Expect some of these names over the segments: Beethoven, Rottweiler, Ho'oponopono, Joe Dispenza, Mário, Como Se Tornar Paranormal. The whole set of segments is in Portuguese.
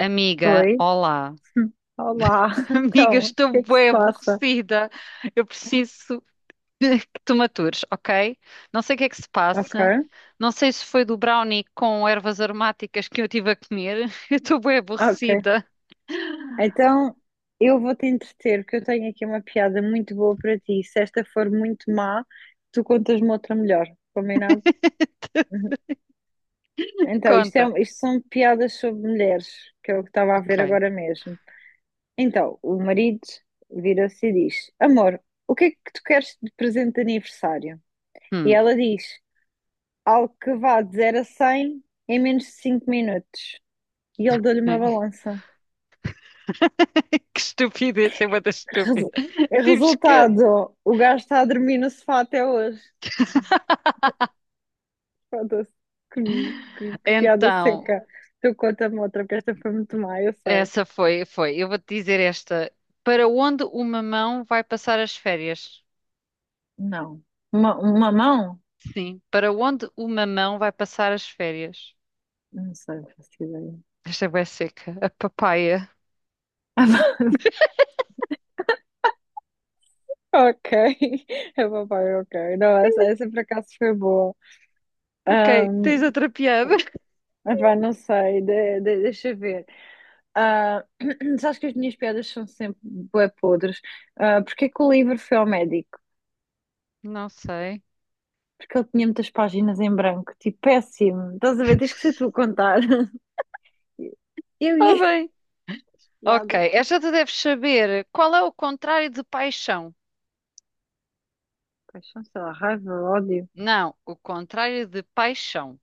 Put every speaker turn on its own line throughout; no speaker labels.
Amiga,
Oi,
olá.
olá.
Amiga,
Então, o
estou
que é que se
bué
passa?
aborrecida. Eu preciso que tu me atures, ok? Não sei o que é que se
Ok,
passa. Não sei se foi do brownie com ervas aromáticas que eu tive a comer. Eu estou bué
ok.
aborrecida.
Então, eu vou-te entreter, porque eu tenho aqui uma piada muito boa para ti. Se esta for muito má, tu contas-me outra melhor, combinado? Então, isto, é,
Conta.
um, isto são piadas sobre mulheres, que é o que estava a ver
Ok.
agora mesmo. Então, o marido vira-se e diz: Amor, o que é que tu queres de presente de aniversário? E
Hum.
ela diz: Algo que vá de 0 a 100 em menos de 5 minutos. E ele deu-lhe uma balança.
Que estupidez, é uma das
Resu-
estúpidas. Tive que...
Resultado, o gajo está a dormir no sofá até hoje. Foda-se. Que, que piada
Então,
seca. Tu conta-me outra, porque esta foi muito má, eu sei.
essa foi, foi. Eu vou-te dizer esta. Para onde uma mão vai passar as férias?
Não. Uma mão?
Sim. Para onde o mamão vai passar as férias?
Não sei, não faço ideia.
Esta é bué seca. A papaya.
Ok, é papai, ok. Não, essa por acaso foi boa.
Ok, tens
Ahm,
outra piada?
epá, não sei, deixa eu ver. Ah, sabes que as minhas piadas são sempre bué podres. Ah, porque é que o livro foi ao médico?
Não sei.
Porque ele tinha muitas páginas em branco, tipo, péssimo. Estás a ver? Tens que ser tu a contar. Eu
Está
ia.
bem. Ok,
Piada.
esta tu deves saber. Qual é o contrário de paixão?
Paixão, sei lá, raiva, ódio.
Não, o contrário de paixão.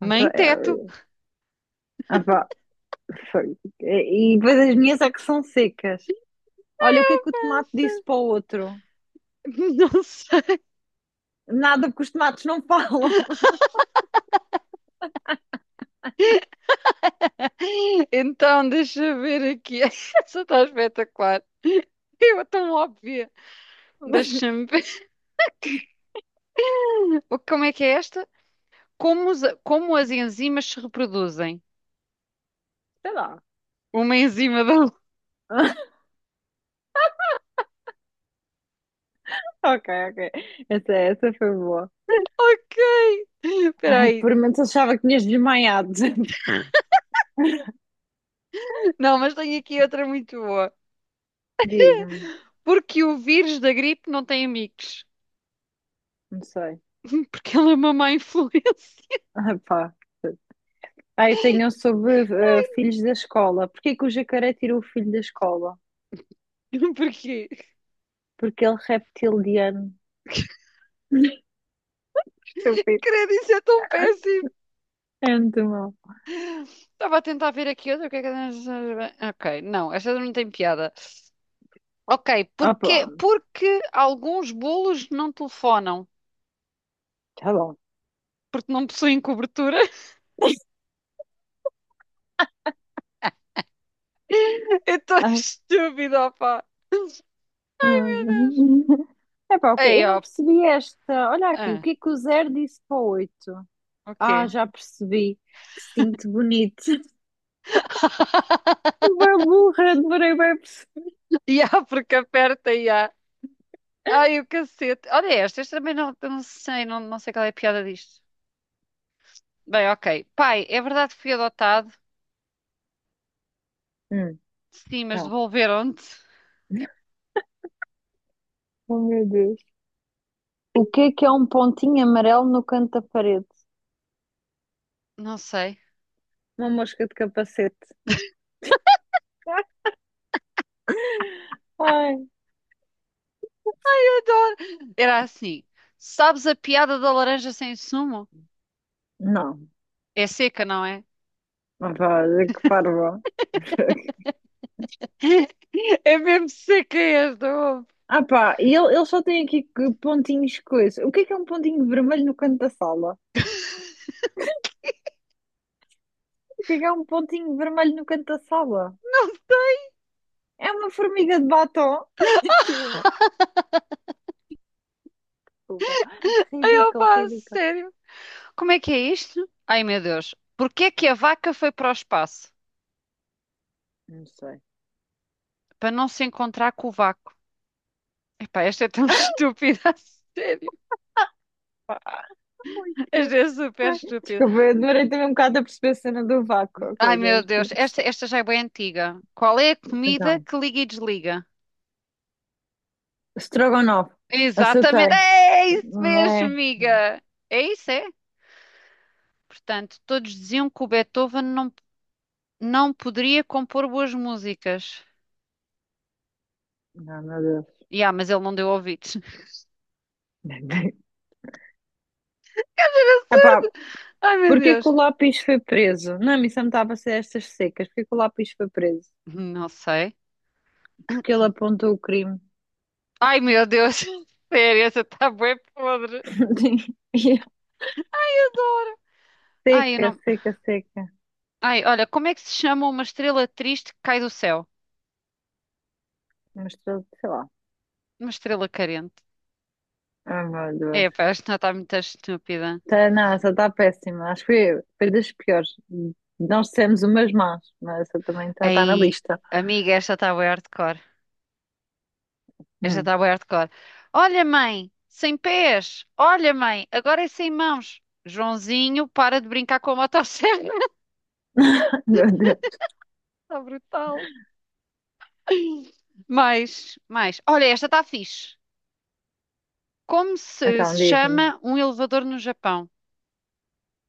Mãe teto.
Ah, pá, foi. E depois as minhas é que são secas. Olha, o que é que o tomate disse para o outro?
Não sei.
Nada, porque os tomates não falam.
Então, deixa eu ver aqui. Essa está espetacular. Eu tão óbvia.
Mas,
Deixa-me ver. Como é que é esta? Como, como as enzimas se reproduzem?
sei lá.
Uma em cima da outra.
Ok, ok. Essa foi boa.
Ok. Espera
Ai,
aí.
por momentos achava que tinhas desmaiado.
Não, mas tenho aqui outra muito boa.
Diz-me,
Porque o vírus da gripe não tem amigos.
não sei.
Porque ele é uma má influência.
Ah, pá. Ah, eu tenho um sobre filhos da escola. Porquê que o jacaré tirou o filho da escola?
Porquê?
Porque ele é reptiliano. Estúpido.
Credo, isso é tão péssimo.
É muito mal.
Estava a tentar ver aqui outra. O que é que- eu- Ok, não, esta não tem piada. Ok,
Ah, pá,
porque alguns bolos não telefonam?
tá bom.
Porque não possuem cobertura? É tão
Ai.
estúpido, opá.
É pá, ok.
Ei,
Eu não
ó.
percebi esta. Olha aqui, o
Ah,
que é que o zero disse para o 8?
o
Ah,
quê?
já percebi. Que cinto bonito. Bem burra, demorei bem a perceber.
E há, porque aperta e há. Ai, o cacete. Olha estas também não, não sei, não sei qual é a piada disto. Bem, ok. Pai, é verdade que fui adotado?
Hum,
Sim, mas
então.
devolveram-te?
Oh, meu Deus. O que é um pontinho amarelo no canto da parede?
Não sei.
Uma mosca de capacete. Ai.
Adoro. Era assim. Sabes a piada da laranja sem sumo?
Não.
É seca, não é?
Opa, que parvo.
É mesmo seca esta, ouve.
Ah pá, e ele só tem aqui que pontinhos coisa. O que é um pontinho vermelho no canto da sala? O que é um pontinho vermelho no canto da sala? É uma formiga de batom. Tipo, desculpa.
Ai,
Ridículo,
opa,
ridículo.
sério. Como é que é isto? Ai, meu Deus. Porquê é que a vaca foi para o espaço?
Não sei.
Para não se encontrar com o vácuo. Epá, esta é tão estúpida, a sério.
Pá, ai, que horror.
Esta é super
Ai,
estúpida.
desculpa, eu demorei também um bocado a perceber a cena do vácuo.
Ai,
Ok, já
meu Deus,
percebi.
esta já é bem antiga. Qual é a comida
Então,
que liga e desliga?
Strogonoff.
Exatamente,
Acertei.
é isso mesmo,
É.
amiga. É isso, é? Portanto, todos diziam que o Beethoven não poderia compor boas músicas.
Não, meu Deus.
E mas ele não deu ouvidos.
Epá,
Ai, meu
porquê que o
Deus.
lápis foi preso? Não, isso não estava a ser estas secas. Porquê que o lápis foi preso?
Não sei.
Porque ele apontou o crime.
Ai, meu Deus. Sério, essa está bem podre.
Yeah.
Adoro. Ai, eu
Seca,
não...
seca, seca.
Ai, olha, como é que se chama uma estrela triste que cai do céu?
Mostrou, sei lá.
Uma estrela carente.
Ah, meu Deus.
Epá, esta está muito estúpida.
Tá, não, essa está péssima. Acho que foi das piores. Nós dissemos umas más, mas essa também está na
Aí,
lista.
amiga, esta está bué hardcore. Esta
Hum.
está bué hardcore. Olha, mãe, sem pés. Olha, mãe, agora é sem mãos. Joãozinho, para de brincar com a motosserra.
Meu Deus.
Está brutal. Mais, mais. Olha, esta está fixe. Como
Então,
se
diz-me.
chama um elevador no Japão?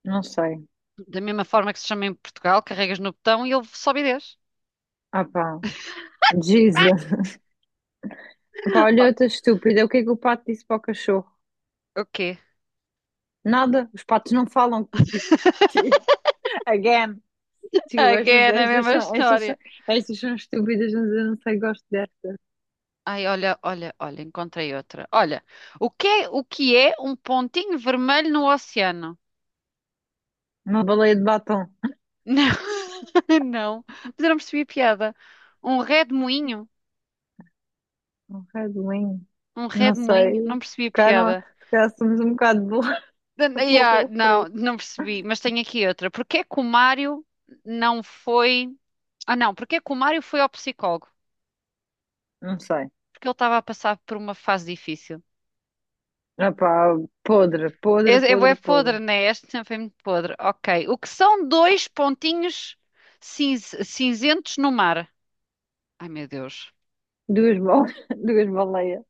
Não sei.
Da mesma forma que se chama em Portugal, carregas no botão e ele sobe e desce.
Ah, pá. Jesus. Pá, olha
Oh,
outra estúpida. O que é que o pato disse para o cachorro?
o quê?
Nada. Os patos não falam. Again. Desculpa,
Again, a mesma história.
estas são estúpidas, mas eu não sei, gosto de.
Ai, olha, olha, olha, encontrei outra. Olha, o que é um pontinho vermelho no oceano?
Uma baleia de batom.
Não, não, mas eu não percebi a piada. Um redemoinho?
Um Red Wing.
Um
Não
redemoinho?
sei.
Não
Se
percebi a
calhar,
piada.
se calhar somos um bocado burra,
Yeah,
burra para
não,
isso.
não percebi, mas tenho aqui outra. Porquê que o Mário não foi. Ah, não, porquê que o Mário foi ao psicólogo?
Não sei.
Porque ele estava a passar por uma fase difícil.
Opá, podre,
É,
podre,
é, é
podre, podre.
podre, né? Este sempre foi muito podre. Ok. O que são dois pontinhos cinzentos no mar? Ai, meu Deus.
Duas, bal... duas baleias.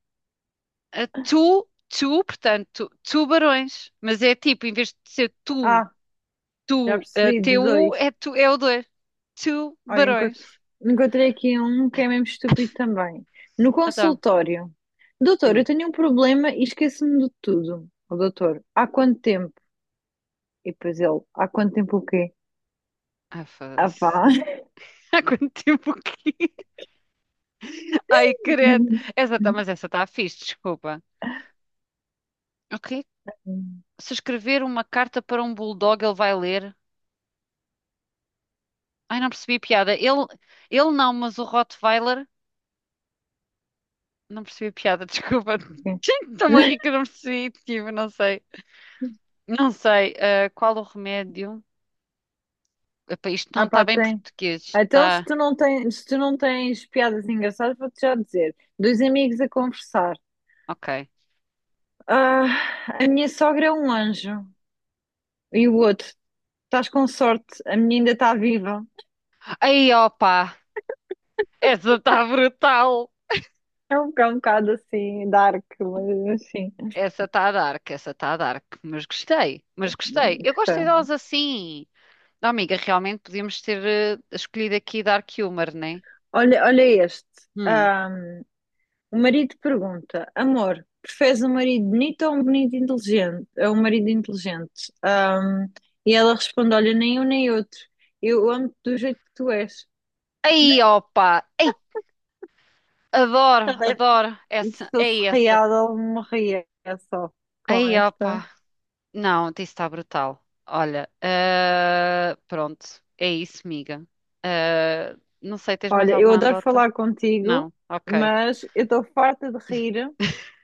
A tu, tu, portanto, tubarões. Mas é tipo, em vez de ser tu,
Ah, já
tu,
percebi, de dois.
tu, é o dois.
Olha,
Tubarões.
encontrei aqui um que é mesmo estúpido também. No
Então,
consultório. Doutor, eu
hum.
tenho um problema e esqueço-me de tudo. O doutor, há quanto tempo? E depois ele, há quanto tempo o quê?
Ah,
Ah pá.
foda-se. Há quanto tempo que... Ai, credo. Essa tá, mas essa está fixe, desculpa. Ok. Se escrever uma carta para um bulldog, ele vai ler. Ai, não percebi a piada. Ele não, mas o Rottweiler. Não percebi a piada, desculpa. Estou-me a rir que eu não percebi. Tipo, não sei. Não sei. Ah, qual o remédio? Epá, isto não
Ah
está
pá,
bem
tem.
português.
Então,
Está.
se tu não tens piadas engraçadas, vou-te já dizer. Dois amigos a conversar.
Ok.
Ah, a minha sogra é um anjo. E o outro, estás com sorte, a minha ainda está viva.
Aí, opa! Essa está brutal!
É um bocado assim, dark, mas assim.
Essa está dark, essa está dark. Mas gostei, mas gostei.
Hum,
Eu gosto
gostei.
delas assim. Não, amiga, realmente podíamos ter escolhido aqui Dark Humor, né?
Olha, olha este.
Hum.
O marido pergunta: Amor, preferes um marido bonito ou um bonito inteligente? É um marido inteligente. E ela responde: Olha, nem um nem outro. Eu amo-te do jeito que tu és.
Aí, opa! Adoro,
Ela deve-
adoro.
E se
Essa,
fosse
é essa.
real, ela morria só com
Aí,
esta.
opa. Não, isso está brutal. Olha, ah, pronto. É isso, miga. Ah, não sei, tens mais
Olha, eu
alguma
adoro
andota?
falar contigo,
Não? Ok.
mas eu estou farta de rir.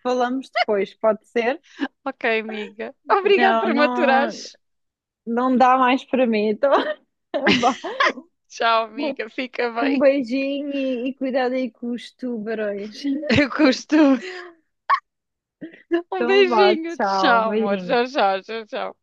Falamos depois, pode ser?
Ok, amiga. Obrigada
Não,
por me
não,
aturares.
não dá mais para mim. Então, vá.
Tchau, amiga. Fica
Um
bem.
beijinho e cuidado aí com os tubarões.
Eu costumo. Um
Então, vá,
beijinho.
tchau,
Tchau, amor.
beijinho.
Tchau, tchau, tchau, tchau.